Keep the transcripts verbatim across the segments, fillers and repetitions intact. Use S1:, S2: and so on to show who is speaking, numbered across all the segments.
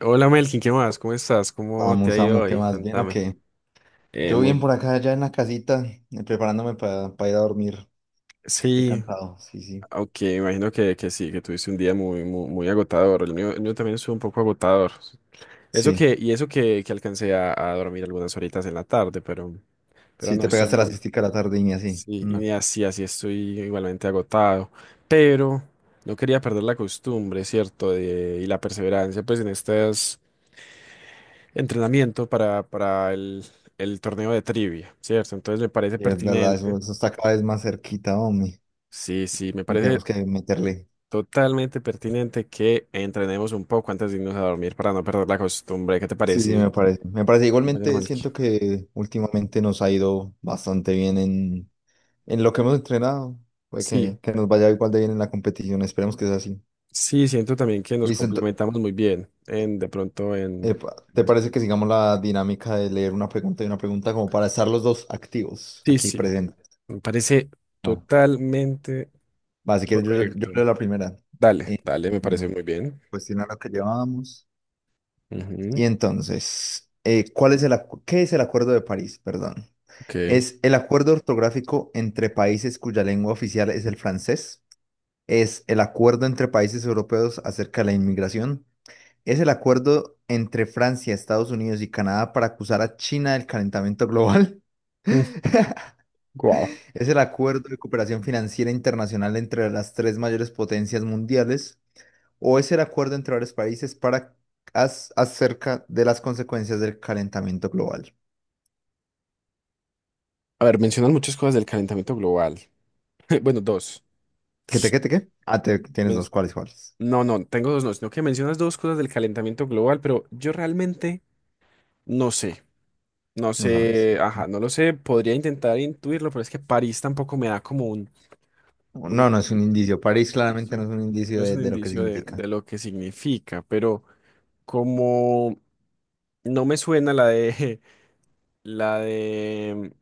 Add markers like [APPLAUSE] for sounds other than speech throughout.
S1: Hola Melkin, ¿qué más? ¿Cómo estás? ¿Cómo te
S2: Vamos,
S1: ha ido
S2: vamos, ¿qué
S1: hoy?
S2: más? ¿Bien o
S1: Contame.
S2: qué?
S1: Eh,
S2: Yo bien
S1: muy,
S2: por acá, ya en la casita, eh, preparándome para ir a dormir. Estoy
S1: Sí,
S2: cansado, sí, sí.
S1: aunque imagino que, que sí, que tuviste un día muy, muy, muy agotador. El mío, el mío también estuvo un poco agotador. Eso
S2: Sí,
S1: que, y eso que, que alcancé a, a dormir algunas horitas en la tarde, pero, pero
S2: sí,
S1: no,
S2: te
S1: estoy
S2: pegaste la
S1: muy.
S2: siestica a la tarde y así.
S1: Sí,
S2: No,
S1: y así, así estoy igualmente agotado. Pero no quería perder la costumbre, ¿cierto? De, y la perseverancia, pues en estos entrenamientos para, para el, el torneo de trivia, ¿cierto? Entonces me parece
S2: y es verdad, eso,
S1: pertinente.
S2: eso está cada vez más cerquita, hombre.
S1: Sí, sí, me
S2: Y
S1: parece
S2: tenemos que meterle.
S1: totalmente pertinente que entrenemos un poco antes de irnos a dormir para no perder la costumbre. ¿Qué te
S2: Sí, sí,
S1: parece,
S2: me parece. Me parece.
S1: compañero
S2: Igualmente
S1: Melqui?
S2: siento que últimamente nos ha ido bastante bien en, en lo que hemos entrenado. Puede
S1: Sí,
S2: que, que nos vaya igual de bien en la competición. Esperemos que sea así.
S1: sí, siento también que nos
S2: Listo, ento-
S1: complementamos muy bien en de pronto en...
S2: epa,
S1: en
S2: ¿te
S1: las-
S2: parece que sigamos la dinámica de leer una pregunta y una pregunta como para estar los dos activos
S1: Sí,
S2: aquí
S1: sí,
S2: presentes?
S1: me parece
S2: Va,
S1: totalmente
S2: va, si quieres, yo, yo
S1: correcto.
S2: leo la primera.
S1: Dale,
S2: Eh,
S1: dale, me
S2: mm,
S1: parece muy bien.
S2: cuestionar lo que llevábamos. Y
S1: Ujú,
S2: entonces, eh, ¿cuál es el, acu- ¿qué es el Acuerdo de París? Perdón.
S1: ok.
S2: ¿Es el acuerdo ortográfico entre países cuya lengua oficial es el francés? ¿Es el acuerdo entre países europeos acerca de la inmigración? ¿Es el acuerdo entre Francia, Estados Unidos y Canadá para acusar a China del calentamiento global?
S1: Wow.
S2: ¿Es el Acuerdo de Cooperación Financiera Internacional entre las tres mayores potencias mundiales o es el acuerdo entre varios países para as- acerca de las consecuencias del calentamiento global?
S1: A ver, mencionan muchas cosas del calentamiento global. [LAUGHS] Bueno, dos.
S2: ¿Qué te, qué te, qué? Ah, te- tienes
S1: Men-
S2: dos. ¿Cuáles, cuáles?
S1: No, no, tengo dos no, sino que mencionas dos cosas del calentamiento global, pero yo realmente no sé, no
S2: No sabes.
S1: sé,
S2: Ok.
S1: ajá, no lo sé, podría intentar intuirlo, pero es que París tampoco me da como un, un
S2: No, no es un indicio. París claramente no
S1: indicio,
S2: es un
S1: no
S2: indicio
S1: es
S2: de,
S1: un
S2: de lo que
S1: indicio de, de
S2: significa.
S1: lo que significa, pero como no me suena la de, [LAUGHS] la de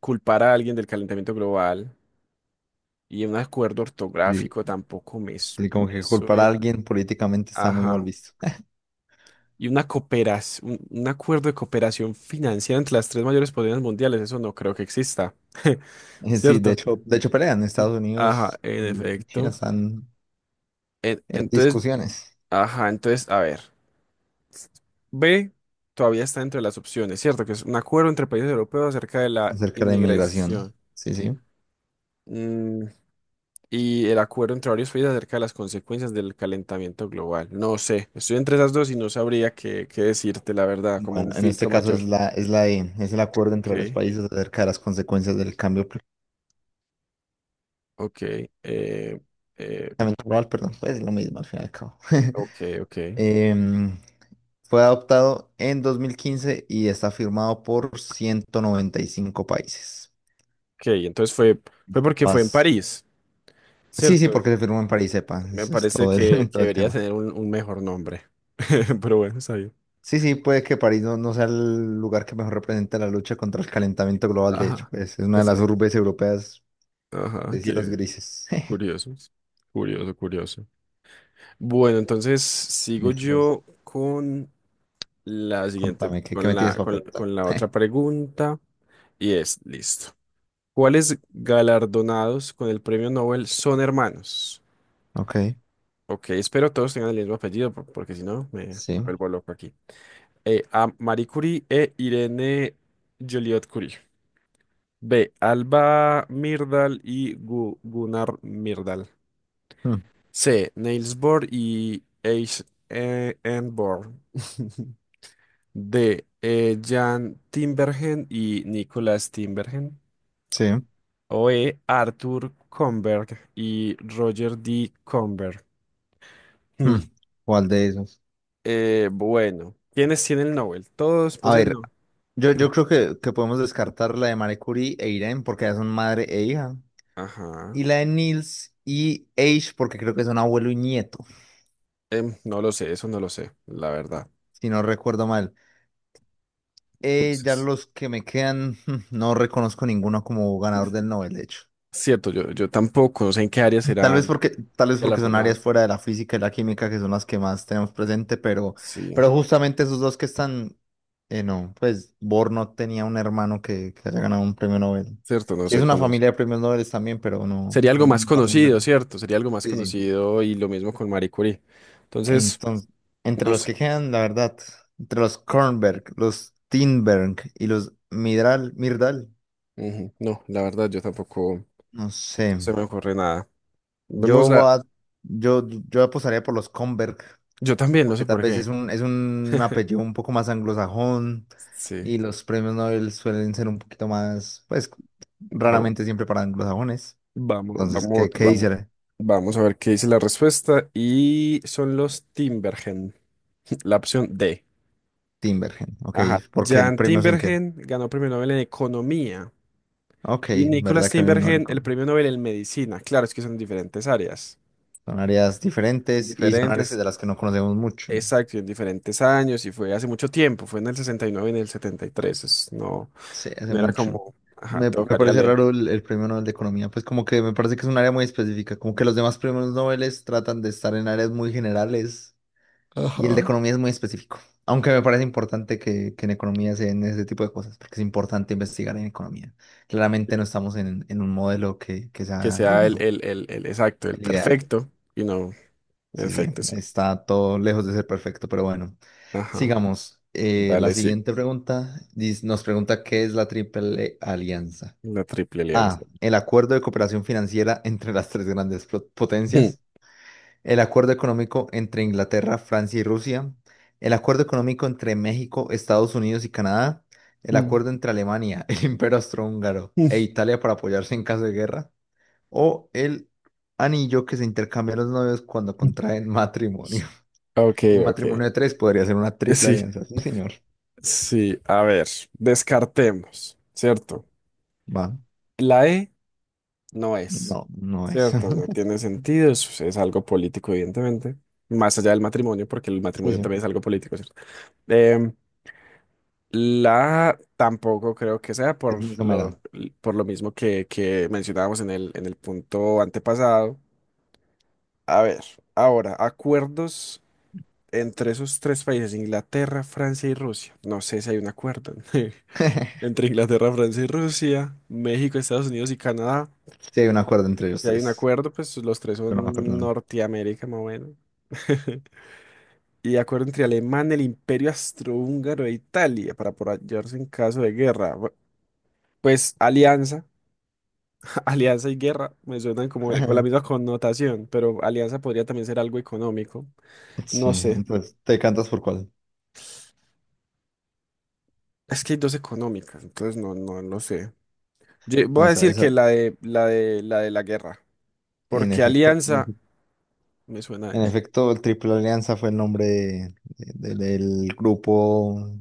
S1: culpar a alguien del calentamiento global y un acuerdo
S2: Sí,
S1: ortográfico tampoco me, su-
S2: sí, como
S1: me
S2: que culpar a
S1: suena,
S2: alguien políticamente está muy mal
S1: ajá.
S2: visto. [LAUGHS]
S1: Y una cooperación, un, acuerdo de cooperación financiera entre las tres mayores potencias mundiales, eso no creo que exista. [LAUGHS]
S2: Eh, sí, de
S1: ¿Cierto?
S2: hecho, de hecho pelean.
S1: Sí.
S2: Estados
S1: Ajá,
S2: Unidos
S1: en
S2: y China
S1: efecto.
S2: están
S1: En-
S2: en
S1: entonces,
S2: discusiones
S1: ajá, entonces, a ver. B todavía está dentro de las opciones, ¿cierto? Que es un acuerdo entre países europeos acerca de la
S2: acerca de inmigración.
S1: inmigración.
S2: Sí, sí.
S1: Mm, y el acuerdo entre varios países acerca de las consecuencias del calentamiento global. No sé, estoy entre esas dos y no sabría qué, qué decirte, la verdad, como
S2: Bueno,
S1: un
S2: en este
S1: filtro
S2: caso es
S1: mayor.
S2: la, es la E, es el acuerdo entre los
S1: Ok.
S2: países acerca de las consecuencias del cambio climático
S1: Ok, eh, eh,
S2: global, perdón, pues es lo mismo al fin y al cabo. [LAUGHS]
S1: ok, ok.
S2: Em, fue adoptado en dos mil quince y está firmado por ciento noventa y cinco países.
S1: Ok, entonces fue, fue porque fue en
S2: Paz.
S1: París,
S2: Sí, sí,
S1: ¿cierto?
S2: porque se firmó en París, sepa,
S1: Me
S2: eso es
S1: parece
S2: todo
S1: que,
S2: el, [LAUGHS]
S1: que
S2: todo el
S1: debería
S2: tema.
S1: tener un, un mejor nombre. [LAUGHS] Pero bueno, está bien.
S2: Sí, sí, puede que París no, no sea el lugar que mejor represente la lucha contra el calentamiento global, de hecho,
S1: Ajá,
S2: pues es una de las
S1: exacto.
S2: urbes europeas
S1: Ajá,
S2: de cielos
S1: qué
S2: grises. [LAUGHS]
S1: curioso. Curioso, curioso. Bueno, entonces sigo
S2: Listo, pues,
S1: yo con la siguiente,
S2: contame, ¿qué, qué
S1: con
S2: me tienes
S1: la,
S2: para
S1: con,
S2: preguntar?
S1: con la otra
S2: [LAUGHS]
S1: pregunta. Y es, listo. ¿Cuáles galardonados con el premio Nobel son hermanos?
S2: Ok,
S1: Ok, espero todos tengan el mismo apellido, por- porque si no, me, me
S2: sí.
S1: vuelvo loco aquí. Eh, A. Marie Curie e Irene Joliot Curie. B. Alba Myrdal y Gu- Gunnar Myrdal.
S2: mm,
S1: C. Niels Bohr y H. E, N. Bohr. [LAUGHS] D. eh, Jan Timbergen y Nicholas Timbergen.
S2: sí.
S1: O E. Arthur Comberg y Roger D. Comberg.
S2: mm,
S1: [LAUGHS]
S2: ¿Cuál de esos?
S1: Eh, bueno, ¿quiénes tienen el Nobel? Todos
S2: A
S1: poseen.
S2: ver, yo, yo creo que, que podemos descartar la de Marie Curie e Irene porque ya son madre e hija.
S1: Ajá.
S2: Y la de Niels y Age porque creo que son abuelo y nieto,
S1: Em, no lo sé, eso no lo sé, la verdad.
S2: si no recuerdo mal. Eh, ya
S1: Entonces,
S2: los que me quedan, [LAUGHS] mm, no reconozco ninguno como ganador del Nobel, de hecho.
S1: cierto, yo, yo tampoco, no sé en qué áreas
S2: Tal vez
S1: serán
S2: porque, tal vez porque son
S1: galardonados.
S2: áreas fuera de la física y la química que son las que más tenemos presente, pero,
S1: Sí,
S2: pero justamente esos dos que están, eh, no, pues Bohr no tenía un hermano que, que haya ganado un premio Nobel.
S1: cierto, no
S2: Sí, es
S1: se
S2: una
S1: conoce.
S2: familia de premios Nobel también, pero no,
S1: Sería algo más
S2: no hace un
S1: conocido,
S2: hermano.
S1: ¿cierto? Sería algo más
S2: Sí, sí.
S1: conocido y lo mismo con Marie Curie. Entonces,
S2: Entonces, entre
S1: no
S2: los
S1: sé.
S2: que quedan, la verdad, entre los Kornberg, los Tinberg y los Midral, Mirdal,
S1: Ujú, no, la verdad, yo tampoco
S2: no sé.
S1: no se me ocurre nada. Vemos
S2: Yo voy
S1: la.
S2: a- yo, yo apostaría por los Kornberg,
S1: Yo también, no
S2: porque
S1: sé
S2: tal
S1: por
S2: vez es
S1: qué.
S2: un, es un apellido un poco más anglosajón
S1: Sí.
S2: y los premios Nobel suelen ser un poquito más, pues
S1: Vamos,
S2: raramente siempre para anglosajones.
S1: vamos,
S2: Entonces,
S1: vamos,
S2: ¿qué, qué
S1: vamos.
S2: dice
S1: Vamos a ver qué dice la respuesta. Y son los Timbergen, [LAUGHS] la opción D.
S2: Timbergen? Ok,
S1: Ajá.
S2: porque el
S1: Jan
S2: premio es en qué.
S1: Timbergen ganó premio Nobel en Economía
S2: Ok,
S1: y Nicholas
S2: verdad que no le
S1: Timbergen el
S2: con-
S1: premio Nobel en Medicina. Claro, es que son diferentes áreas.
S2: son áreas diferentes y son áreas
S1: Diferentes,
S2: de las que no conocemos mucho.
S1: exacto, y en diferentes años y fue hace mucho tiempo, fue en el sesenta y nueve y en el setenta y tres. es- no,
S2: Sí, hace
S1: no era
S2: mucho.
S1: como, ajá,
S2: Me, me
S1: tocaría
S2: parece
S1: leer.
S2: raro el, el premio Nobel de Economía, pues como que me parece que es un área muy específica, como que los demás premios Nobel tratan de estar en áreas muy generales. Y el de
S1: Ajá.
S2: economía es muy específico, aunque me parece importante que, que en economía se den ese tipo de cosas, porque es importante investigar en economía.
S1: Sí.
S2: Claramente no estamos en, en un modelo que, que
S1: Que
S2: sea el
S1: sea el,
S2: mejor,
S1: el, el, el exacto, el
S2: el ideal.
S1: perfecto y no, el
S2: Sí, sí,
S1: efecto, sí.
S2: está todo lejos de ser perfecto, pero bueno,
S1: Ajá.
S2: sigamos. Eh, la
S1: Dale, sí,
S2: siguiente pregunta dis- nos pregunta ¿qué es la Triple Alianza?
S1: la triple alianza.
S2: A, el acuerdo de cooperación financiera entre las tres grandes pro- potencias; el acuerdo económico entre Inglaterra, Francia y Rusia; el acuerdo económico entre México, Estados Unidos y Canadá; el acuerdo
S1: [LAUGHS]
S2: entre Alemania, [LAUGHS] el Imperio Austrohúngaro e Italia para apoyarse en caso de guerra; o el anillo que se intercambian los novios cuando contraen matrimonio. [LAUGHS]
S1: Ok,
S2: Un
S1: ok.
S2: matrimonio de tres podría ser una triple
S1: Sí.
S2: alianza. Sí, señor.
S1: Sí, a ver, descartemos, ¿cierto?
S2: Va.
S1: La E no es,
S2: No, no es.
S1: ¿cierto? No
S2: [LAUGHS]
S1: tiene sentido, es, es algo político, evidentemente, más allá del matrimonio, porque el
S2: Sí,
S1: matrimonio
S2: sí.
S1: también es algo político, ¿cierto? Em, la A tampoco creo que sea
S2: Es
S1: por
S2: muy somera.
S1: lo, por lo mismo que, que mencionábamos en el, en el punto antepasado. A ver, ahora, acuerdos entre esos tres países, Inglaterra, Francia y Rusia. No sé si hay un acuerdo. [LAUGHS]
S2: [LAUGHS]
S1: Entre Inglaterra, Francia y Rusia, México, Estados Unidos y Canadá.
S2: Sí, hay un acuerdo entre ellos
S1: Si hay un
S2: tres,
S1: acuerdo, pues los tres
S2: pero no me
S1: son
S2: acuerdo el nombre.
S1: Norteamérica, más o menos. [LAUGHS] Y acuerdo entre Alemania, el Imperio Austrohúngaro e Italia para apoyarse en caso de guerra. Bu- Pues alianza, [LAUGHS] alianza y guerra me suenan como el- con la misma
S2: [LAUGHS]
S1: connotación, pero alianza podría también ser algo económico.
S2: Sí,
S1: No sé.
S2: entonces, ¿te cantas por cuál?
S1: Es que hay dos económicas, entonces no, no lo sé. Yo voy
S2: Ah,
S1: a
S2: esa,
S1: decir
S2: esa,
S1: que la de la de la de la guerra,
S2: en
S1: porque
S2: efecto, en
S1: alianza
S2: efec-
S1: me suena a
S2: en
S1: eso.
S2: efecto, el Triple Alianza fue el nombre de- de- del grupo,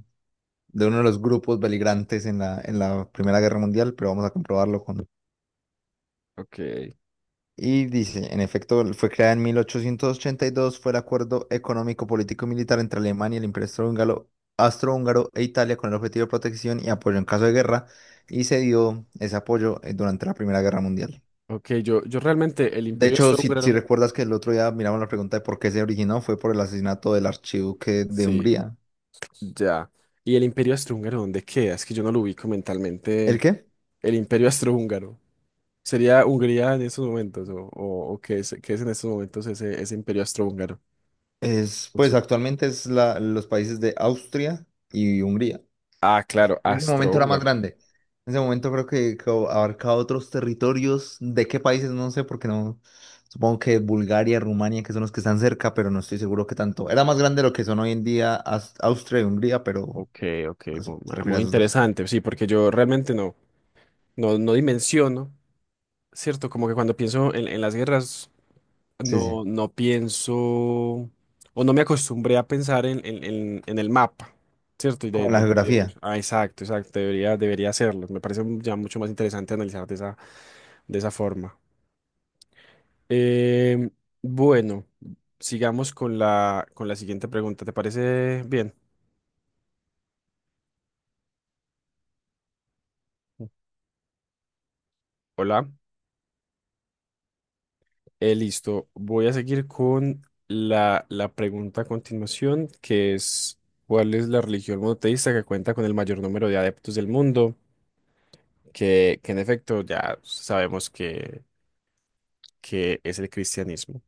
S2: de uno de los grupos beligrantes en la, en la Primera Guerra Mundial, pero vamos a comprobarlo con...
S1: Ok,
S2: Y dice, en efecto, fue creada en mil ochocientos ochenta y dos, fue el acuerdo económico, político y militar entre Alemania, el Imperio Austrohúngaro, Austrohúngaro e Italia con el objetivo de protección y apoyo en caso de guerra, y se dio ese apoyo eh, durante la Primera Guerra Mundial.
S1: ok, yo, yo realmente el
S2: De
S1: Imperio
S2: hecho, si, si
S1: Austrohúngaro,
S2: recuerdas que el otro día miramos la pregunta de por qué se originó, fue por el asesinato del archiduque de
S1: sí,
S2: Hungría.
S1: ya. ¿Y el Imperio Austrohúngaro dónde queda? Es que yo no lo ubico
S2: ¿El
S1: mentalmente.
S2: qué?
S1: El Imperio Austrohúngaro. ¿Sería Hungría en esos momentos? ¿O, o, o qué es, qué es en estos momentos ese, ese Imperio Austrohúngaro?
S2: Es,
S1: No
S2: pues
S1: sé.
S2: actualmente es la, los países de Austria y Hungría.
S1: Ah, claro,
S2: En ese momento era más
S1: Austrohúngaro.
S2: grande. En ese momento creo que, que abarcaba otros territorios. ¿De qué países? No sé, porque no. Supongo que Bulgaria, Rumania, que son los que están cerca, pero no estoy seguro que tanto. Era más grande de lo que son hoy en día Aus- Austria y Hungría, pero
S1: Ok, ok,
S2: no sé,
S1: mu- ma-
S2: se refiere
S1: muy
S2: a esos dos.
S1: interesante, sí, porque yo realmente no, no, no dimensiono, ¿cierto? Como que cuando pienso en, en las guerras.
S2: Sí, sí.
S1: No, no pienso o no me acostumbré a pensar en, en- en- en el mapa, ¿cierto? Y de-
S2: Como la
S1: de- debía haber-
S2: geografía.
S1: ah, exacto, exacto, debería, debería hacerlo. Me parece ya mucho más interesante analizar de esa, de esa forma. Em, bueno, sigamos con la, con la siguiente pregunta. ¿Te parece bien? Hola. Eh, listo. Voy a seguir con la, la pregunta a continuación, que es, ¿cuál es la religión monoteísta que cuenta con el mayor número de adeptos del mundo? que, que en efecto ya sabemos que, que es el cristianismo.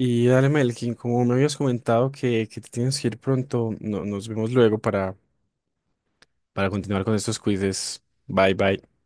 S1: Y dale, Melkin, como me habías comentado que, que te tienes que ir pronto, no- nos vemos luego para, para continuar con estos quizzes. Bye, bye.